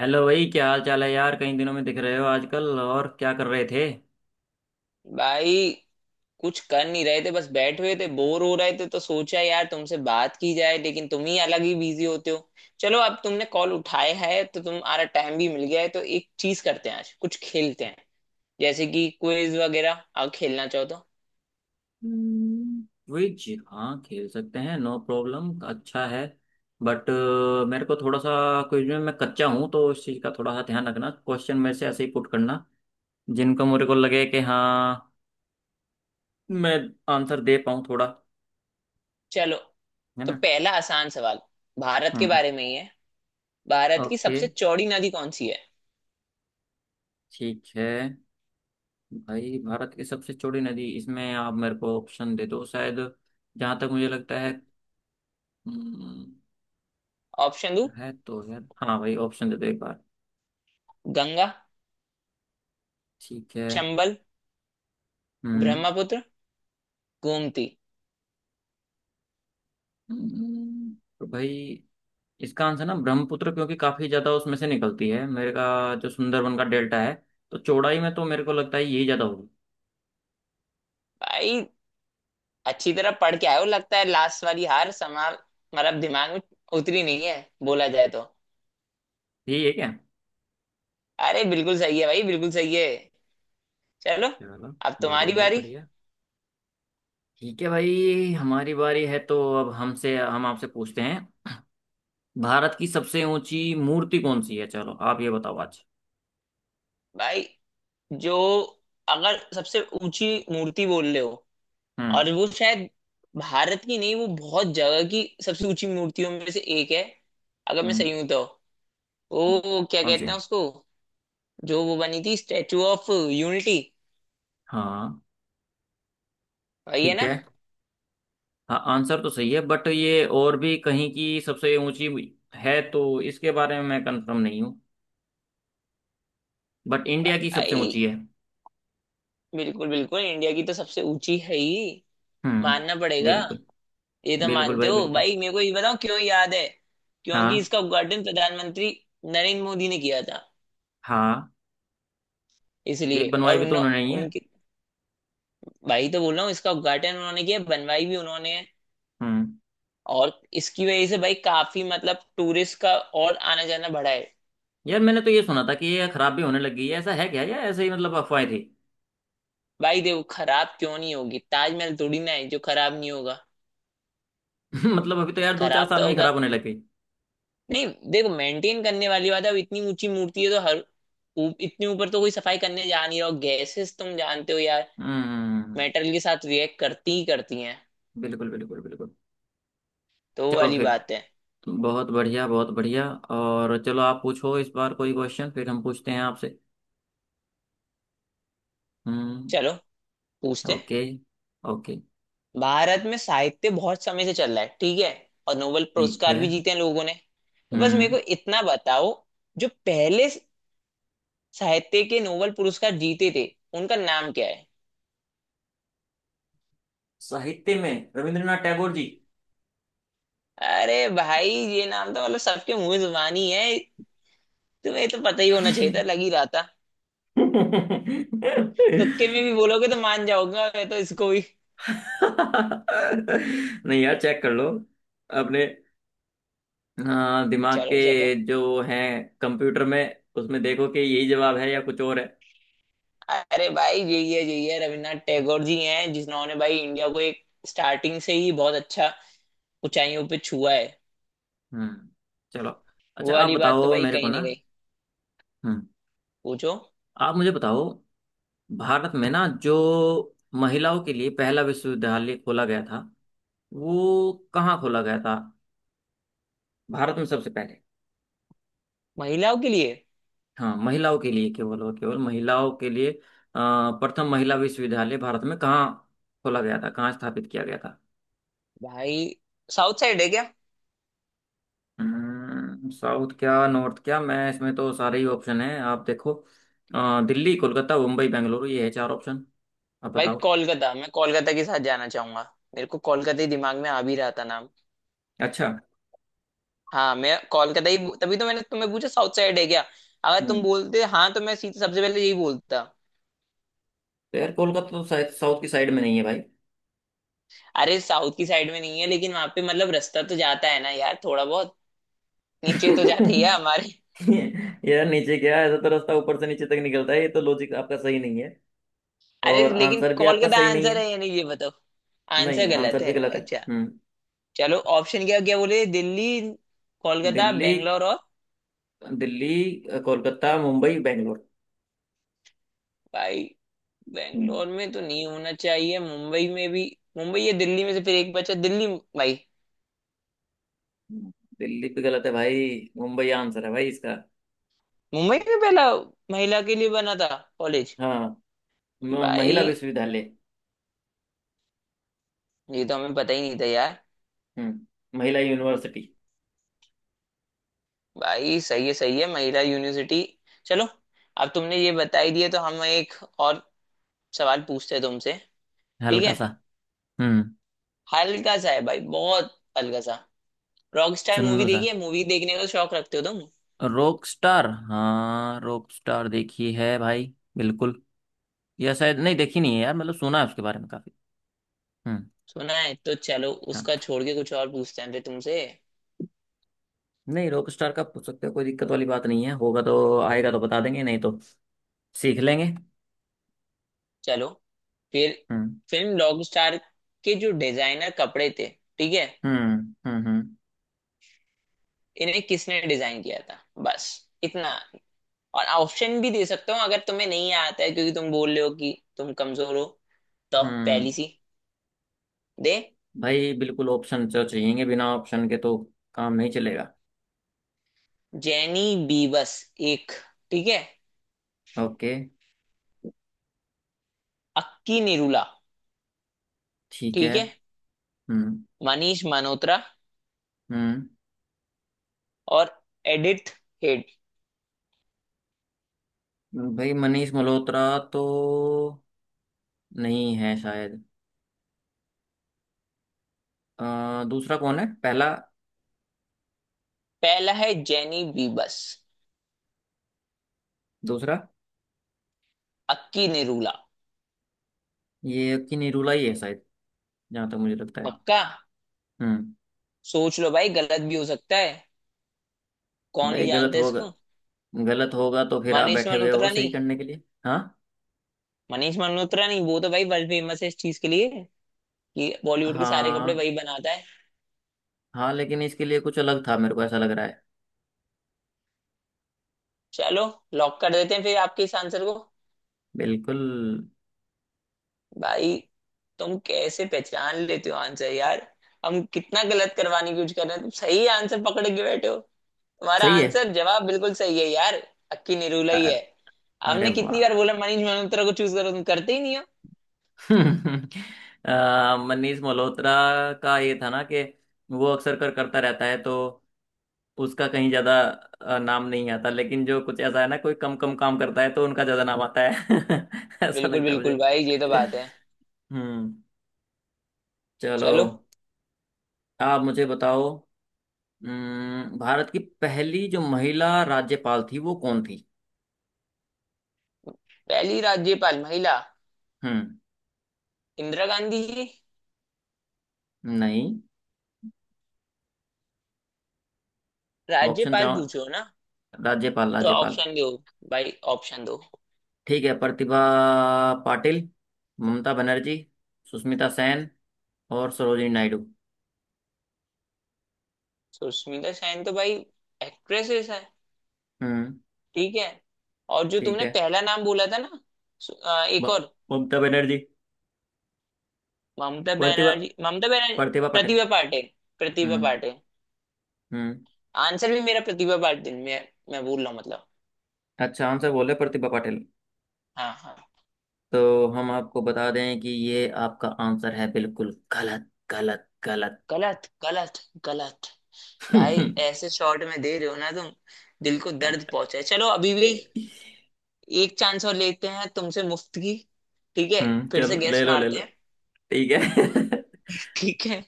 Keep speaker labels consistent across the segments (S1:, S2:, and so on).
S1: Hello भाई, क्या हाल चाल है यार। कई दिनों में दिख रहे हो। आजकल और क्या कर रहे थे।
S2: भाई कुछ कर नहीं रहे थे, बस बैठे हुए थे, बोर हो रहे थे तो सोचा यार तुमसे बात की जाए, लेकिन तुम ही अलग ही बिजी होते हो। चलो, अब तुमने कॉल उठाया है तो तुम्हारा टाइम भी मिल गया है, तो एक चीज करते हैं, आज कुछ खेलते हैं, जैसे कि क्विज वगैरह, अगर खेलना चाहो तो।
S1: क्विज? हाँ, खेल सकते हैं, नो प्रॉब्लम, अच्छा है। बट मेरे को थोड़ा सा क्विज में मैं कच्चा हूँ, तो उस चीज़ का थोड़ा सा ध्यान रखना। क्वेश्चन में से ऐसे ही पुट करना जिनको मेरे को लगे कि हाँ मैं आंसर दे पाऊँ थोड़ा।
S2: चलो,
S1: है
S2: तो
S1: ना।
S2: पहला आसान सवाल, भारत के
S1: हम्म।
S2: बारे में ही है। भारत की
S1: ओके,
S2: सबसे चौड़ी नदी कौन सी है?
S1: ठीक है। भाई भारत की सबसे चौड़ी नदी, इसमें आप मेरे को ऑप्शन दे दो शायद। जहाँ तक मुझे लगता हम्म,
S2: ऑप्शन दो।
S1: है तो है। हाँ भाई, ऑप्शन दे दो एक बार।
S2: गंगा,
S1: ठीक है।
S2: चंबल,
S1: हम्म।
S2: ब्रह्मपुत्र, गोमती।
S1: तो भाई इसका आंसर ना ब्रह्मपुत्र, क्योंकि काफी ज्यादा उसमें से निकलती है मेरे का। जो सुंदरबन का डेल्टा है, तो चौड़ाई में तो मेरे को लगता है यही ज्यादा होगी।
S2: भाई अच्छी तरह पढ़ के आए हो, लगता है लास्ट वाली हार समा मतलब दिमाग में उतरी नहीं है, बोला जाए तो।
S1: यही है क्या?
S2: अरे बिल्कुल सही है भाई, बिल्कुल सही है। चलो,
S1: चलो।
S2: अब तुम्हारी
S1: बढ़िया भाई
S2: बारी।
S1: बढ़िया। ठीक है भाई, हमारी बारी है, तो अब हमसे हम आपसे पूछते हैं। भारत की सबसे ऊंची मूर्ति कौन सी है, चलो आप ये बताओ आज।
S2: भाई जो, अगर सबसे ऊंची मूर्ति बोल रहे हो,
S1: हम्म।
S2: और वो शायद भारत की नहीं, वो बहुत जगह की सबसे ऊंची मूर्तियों में से एक है, अगर मैं
S1: हम्म।
S2: सही हूं तो। वो क्या
S1: कौन सी?
S2: कहते हैं उसको, जो वो बनी थी, स्टेचू ऑफ यूनिटी।
S1: हाँ।
S2: वही है
S1: ठीक
S2: ना?
S1: है। हाँ, आंसर तो सही है, बट ये और भी कहीं की सबसे ऊंची है, तो इसके बारे में मैं कंफर्म नहीं हूँ। बट इंडिया की सबसे
S2: भाई
S1: ऊंची है।
S2: बिल्कुल बिल्कुल, इंडिया की तो सबसे ऊंची है ही। मानना
S1: हम्म।
S2: पड़ेगा।
S1: बिल्कुल।
S2: ये तो
S1: बिल्कुल
S2: मानते
S1: भाई
S2: हो
S1: बिल्कुल।
S2: भाई, मेरे को ये बताओ क्यों याद है। क्योंकि
S1: हाँ।
S2: इसका उद्घाटन प्रधानमंत्री नरेंद्र मोदी ने किया था,
S1: हाँ, ये
S2: इसलिए।
S1: बनवाई
S2: और
S1: भी तो
S2: उन,
S1: उन्होंने ही है।
S2: उनके भाई, तो बोल रहा हूँ इसका उद्घाटन उन्होंने किया, बनवाई भी उन्होंने है।
S1: हम्म।
S2: और इसकी वजह से भाई काफी मतलब टूरिस्ट का और आना जाना बढ़ा है।
S1: यार, मैंने तो ये सुना था कि ये खराब भी होने लगी है, ऐसा है क्या, या ऐसे ही मतलब अफवाहें थी।
S2: भाई देखो, खराब क्यों नहीं होगी, ताजमहल थोड़ी ना है जो खराब नहीं होगा।
S1: मतलब अभी तो यार दो चार
S2: खराब
S1: साल
S2: तो
S1: में ही
S2: होगा
S1: खराब होने लग गई।
S2: नहीं। देखो, मेंटेन करने वाली बात है, अब इतनी ऊंची मूर्ति है तो हर इतने ऊपर तो कोई सफाई करने जा नहीं रहा, हो गैसेस तुम जानते हो यार,
S1: हम्म।
S2: मेटल के साथ रिएक्ट करती ही करती हैं।
S1: बिल्कुल बिल्कुल बिल्कुल।
S2: तो वो
S1: चलो
S2: वाली
S1: फिर।
S2: बात है।
S1: बहुत बढ़िया बहुत बढ़िया। और चलो आप पूछो इस बार कोई क्वेश्चन, फिर हम पूछते हैं आपसे। हम्म।
S2: चलो पूछते हैं।
S1: ओके। ओके।
S2: भारत में साहित्य बहुत समय से चल रहा है, ठीक है, और नोबेल
S1: ठीक है।
S2: पुरस्कार भी जीते हैं लोगों ने। तो बस मेरे
S1: हम्म।
S2: को इतना बताओ, जो पहले साहित्य के नोबेल पुरस्कार जीते थे, उनका नाम क्या है?
S1: साहित्य में रविंद्रनाथ टैगोर जी।
S2: अरे भाई, ये नाम तो मतलब सबके मुंह जुबानी है, तुम्हें तो पता ही होना चाहिए था, लग ही रहा था तुक्के में भी बोलोगे तो मान जाओगे, मैं तो इसको भी।
S1: नहीं यार, चेक कर लो अपने, हाँ, दिमाग
S2: चलो
S1: के
S2: चलो
S1: जो है, कंप्यूटर में उसमें देखो कि यही जवाब है या कुछ और है।
S2: अरे भाई जे ये रविन्द्रनाथ टैगोर जी हैं, जिन्होंने भाई इंडिया को एक स्टार्टिंग से ही बहुत अच्छा ऊंचाइयों पे छुआ है।
S1: हम्म। चलो।
S2: वो
S1: अच्छा आप
S2: वाली बात तो
S1: बताओ
S2: भाई
S1: मेरे को
S2: कहीं
S1: ना।
S2: नहीं गई।
S1: हम्म।
S2: पूछो।
S1: आप मुझे बताओ, भारत में ना जो महिलाओं के लिए पहला विश्वविद्यालय खोला गया था, वो कहाँ खोला गया था, भारत में सबसे पहले।
S2: महिलाओं के लिए?
S1: हाँ, महिलाओं के लिए, केवल और केवल महिलाओं के लिए। प्रथम महिला विश्वविद्यालय भारत में कहाँ खोला गया था, कहाँ स्थापित किया गया था।
S2: भाई, साउथ साइड है क्या?
S1: साउथ क्या नॉर्थ क्या, मैं इसमें तो सारे ही ऑप्शन हैं, आप देखो। दिल्ली, कोलकाता, मुंबई, बेंगलुरु, ये है चार ऑप्शन। आप
S2: भाई
S1: बताओ।
S2: कोलकाता, मैं कोलकाता के साथ जाना चाहूंगा। मेरे को कोलकाता ही दिमाग में आ भी रहा था नाम।
S1: अच्छा।
S2: हाँ, मैं कोलकाता ही, तभी तो मैंने तुम्हें पूछा साउथ साइड है क्या, अगर तुम
S1: हम्म।
S2: बोलते हाँ तो मैं सीधे सबसे पहले यही बोलता।
S1: तो यार कोलकाता तो शायद साउथ की साइड में नहीं है भाई।
S2: अरे साउथ की साइड में नहीं है, लेकिन वहां पे मतलब रास्ता तो जाता है ना यार, थोड़ा बहुत नीचे तो जाती है हमारे।
S1: यार नीचे क्या है? ऐसा तो रास्ता ऊपर से नीचे तक निकलता है, ये तो लॉजिक आपका सही नहीं है।
S2: अरे
S1: और
S2: लेकिन
S1: आंसर भी
S2: कॉल का
S1: आपका
S2: तो
S1: सही नहीं।
S2: आंसर है या नहीं ये बताओ। आंसर
S1: नहीं,
S2: गलत
S1: आंसर भी
S2: है?
S1: गलत है।
S2: अच्छा।
S1: हम्म।
S2: चलो ऑप्शन क्या क्या बोले, दिल्ली, कोलकाता,
S1: दिल्ली।
S2: बेंगलोर और।
S1: दिल्ली, कोलकाता, मुंबई, बेंगलोर।
S2: भाई
S1: हम्म।
S2: बेंगलोर में तो नहीं होना चाहिए, मुंबई में भी। मुंबई या दिल्ली में से, फिर एक बचा दिल्ली। भाई
S1: दिल्ली भी गलत है भाई। मुंबई आंसर है भाई इसका।
S2: मुंबई में पहला महिला के लिए बना था कॉलेज?
S1: हाँ। महिला
S2: भाई
S1: विश्वविद्यालय।
S2: ये तो हमें पता ही नहीं था यार।
S1: हम्म, महिला यूनिवर्सिटी।
S2: भाई सही है, सही है, महिला यूनिवर्सिटी। चलो, अब तुमने ये बता ही दिया, तो हम एक और सवाल पूछते हैं तुमसे। ठीक
S1: हल्का
S2: है,
S1: सा। हम्म।
S2: हल्का सा है भाई, बहुत हल्का सा। रॉकस्टार मूवी
S1: चुन्नू सा।
S2: देखी है, मूवी देखने का शौक रखते हो तुम?
S1: रॉक स्टार, हाँ रॉक स्टार देखी है भाई बिल्कुल। या शायद नहीं, देखी नहीं है यार, मतलब सुना है उसके बारे में काफी। हम्म।
S2: सुना है तो चलो
S1: हाँ।
S2: उसका छोड़ के कुछ और पूछते हैं फिर तुमसे।
S1: नहीं, रॉक स्टार का पूछ सकते हो, कोई दिक्कत वाली बात नहीं है, होगा तो आएगा तो बता देंगे, नहीं तो सीख लेंगे।
S2: चलो फिर,
S1: हम्म।
S2: फिल्म रॉकस्टार के जो डिजाइनर कपड़े थे, ठीक है,
S1: हम्म। हम्म। हम्म।
S2: इन्हें किसने डिजाइन किया था, बस इतना। और ऑप्शन भी दे सकता हूँ अगर तुम्हें नहीं आता है, क्योंकि तुम बोल रहे हो कि तुम कमजोर हो। तो पहली
S1: हम्म।
S2: सी दे,
S1: भाई बिल्कुल, ऑप्शन तो चाहिएंगे, बिना ऑप्शन के तो काम नहीं चलेगा।
S2: जेनी बीवस एक, ठीक है,
S1: ओके।
S2: अक्की निरूला,
S1: ठीक
S2: ठीक
S1: है।
S2: है,
S1: हम्म।
S2: मनीष मल्होत्रा,
S1: हम्म।
S2: और एडिथ हेड।
S1: भाई मनीष मल्होत्रा तो नहीं है शायद। दूसरा कौन है, पहला?
S2: पहला है जेनी बीबस,
S1: दूसरा?
S2: अक्की निरूला।
S1: ये कि निरूला ही है शायद, जहाँ तक मुझे लगता है।
S2: पक्का?
S1: हम्म।
S2: सोच लो भाई, गलत भी हो सकता है,
S1: तो
S2: कौन
S1: भाई
S2: ही
S1: गलत
S2: जानता है
S1: होगा,
S2: इसको।
S1: गलत होगा तो फिर आप
S2: मनीष
S1: बैठे हुए हो
S2: मल्होत्रा
S1: सही
S2: नहीं?
S1: करने के लिए। हाँ।
S2: मनीष मल्होत्रा नहीं, वो तो भाई वर्ल्ड फेमस है इस चीज के लिए कि बॉलीवुड के सारे कपड़े
S1: हाँ,
S2: वही बनाता है।
S1: हाँ लेकिन इसके लिए कुछ अलग था, मेरे को ऐसा लग रहा है।
S2: चलो लॉक कर देते हैं फिर आपके इस आंसर को।
S1: बिल्कुल।
S2: भाई तुम कैसे पहचान लेते हो आंसर यार, हम कितना गलत करवाने की कोशिश कर रहे हैं, तुम सही आंसर पकड़ के बैठे हो। हमारा
S1: सही है।
S2: आंसर जवाब बिल्कुल सही है यार, अक्की निरूला ही है।
S1: अरे
S2: हमने
S1: वाह।
S2: कितनी बार बोला मनीष मल्होत्रा को चूज करो, तुम करते ही नहीं हो।
S1: मनीष मल्होत्रा का ये था ना कि वो अक्सर कर करता रहता है, तो उसका कहीं ज्यादा नाम नहीं आता, लेकिन जो कुछ ऐसा है ना, कोई कम कम काम करता है तो उनका ज्यादा नाम आता है। ऐसा
S2: बिल्कुल
S1: लगता है
S2: बिल्कुल
S1: मुझे।
S2: भाई, ये तो बात है।
S1: हम्म। चलो।
S2: चलो,
S1: आप मुझे बताओ, भारत की पहली जो महिला राज्यपाल थी, वो कौन थी?
S2: पहली राज्यपाल महिला,
S1: हम्म।
S2: इंदिरा गांधी जी।
S1: नहीं। ऑप्शन
S2: राज्यपाल
S1: चाहो?
S2: पूछो ना,
S1: राज्यपाल,
S2: तो
S1: राज्यपाल।
S2: ऑप्शन दो भाई, ऑप्शन दो।
S1: ठीक है। प्रतिभा पाटिल, ममता बनर्जी, सुष्मिता सेन और सरोजिनी नायडू।
S2: सुष्मिता सेन तो भाई एक्ट्रेसेस है,
S1: हम्म।
S2: ठीक है। और जो
S1: ठीक
S2: तुमने
S1: है।
S2: पहला नाम बोला था ना, एक
S1: ब-
S2: और,
S1: ममता बनर्जी।
S2: ममता
S1: प्रतिभा,
S2: बनर्जी, ममता बनर्जी,
S1: प्रतिभा पाटिल।
S2: प्रतिभा पाटिल, प्रतिभा
S1: हम्म।
S2: पाटिल।
S1: हम्म।
S2: आंसर भी मेरा प्रतिभा पाटिल में, मैं बोल रहा हूँ मतलब।
S1: अच्छा, आंसर बोले प्रतिभा पाटिल।
S2: हाँ हाँ।
S1: तो हम आपको बता दें कि ये आपका आंसर है, बिल्कुल गलत, गलत, गलत।
S2: गलत गलत गलत। भाई ऐसे शॉट में दे रहे हो ना तुम, दिल को दर्द पहुंचा है। चलो अभी भी एक चांस और लेते हैं तुमसे मुफ्त की, ठीक है।
S1: हम्म,
S2: फिर से
S1: चलो
S2: गैस
S1: ले लो ले
S2: मारते
S1: लो।
S2: हैं।
S1: ठीक है।
S2: ठीक है।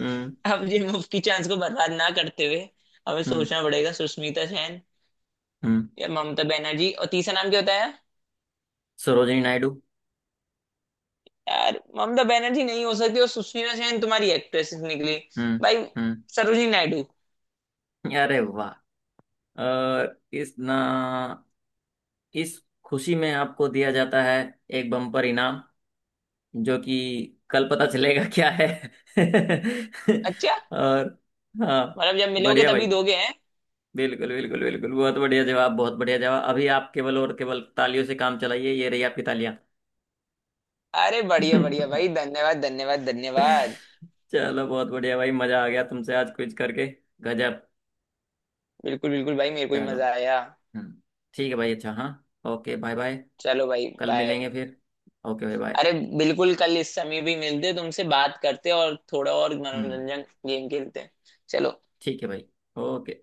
S1: हम्म।
S2: अब ये मुफ्त की चांस को बर्बाद ना करते हुए हमें
S1: हम्म।
S2: सोचना पड़ेगा। सुष्मिता सेन
S1: हम्म।
S2: या ममता बनर्जी, और तीसरा नाम क्या होता है?
S1: सरोजिनी नायडू।
S2: यार ममता बनर्जी नहीं हो सकती, और सुष्मिता सेन तुम्हारी एक्ट्रेस निकली।
S1: हम्म।
S2: भाई,
S1: हम्म।
S2: सरोजिनी नायडू।
S1: अरे वाह। और इस ना, इस खुशी में आपको दिया जाता है एक बम्पर इनाम, जो कि कल पता चलेगा क्या है।
S2: अच्छा,
S1: और हाँ।
S2: मतलब जब मिलोगे
S1: बढ़िया भाई।
S2: तभी दोगे हैं।
S1: बिल्कुल बिल्कुल बिल्कुल, बहुत बढ़िया जवाब, बहुत बढ़िया जवाब। अभी आप केवल और केवल तालियों से काम चलाइए, ये रही आपकी तालियां।
S2: अरे बढ़िया बढ़िया भाई, धन्यवाद धन्यवाद धन्यवाद।
S1: चलो बहुत बढ़िया भाई, मजा आ गया तुमसे आज क्विज करके। गजब।
S2: बिल्कुल बिल्कुल भाई, मेरे को भी
S1: चलो।
S2: मजा आया।
S1: हम्म। ठीक है भाई, अच्छा, हाँ। Okay, bye bye.
S2: चलो भाई
S1: कल
S2: बाय।
S1: मिलेंगे फिर। ओके भाई, बाय।
S2: अरे बिल्कुल, कल इस समय भी मिलते, तुमसे बात करते और थोड़ा और
S1: हम्म।
S2: मनोरंजन गेम खेलते हैं। चलो।
S1: ठीक है भाई। ओके।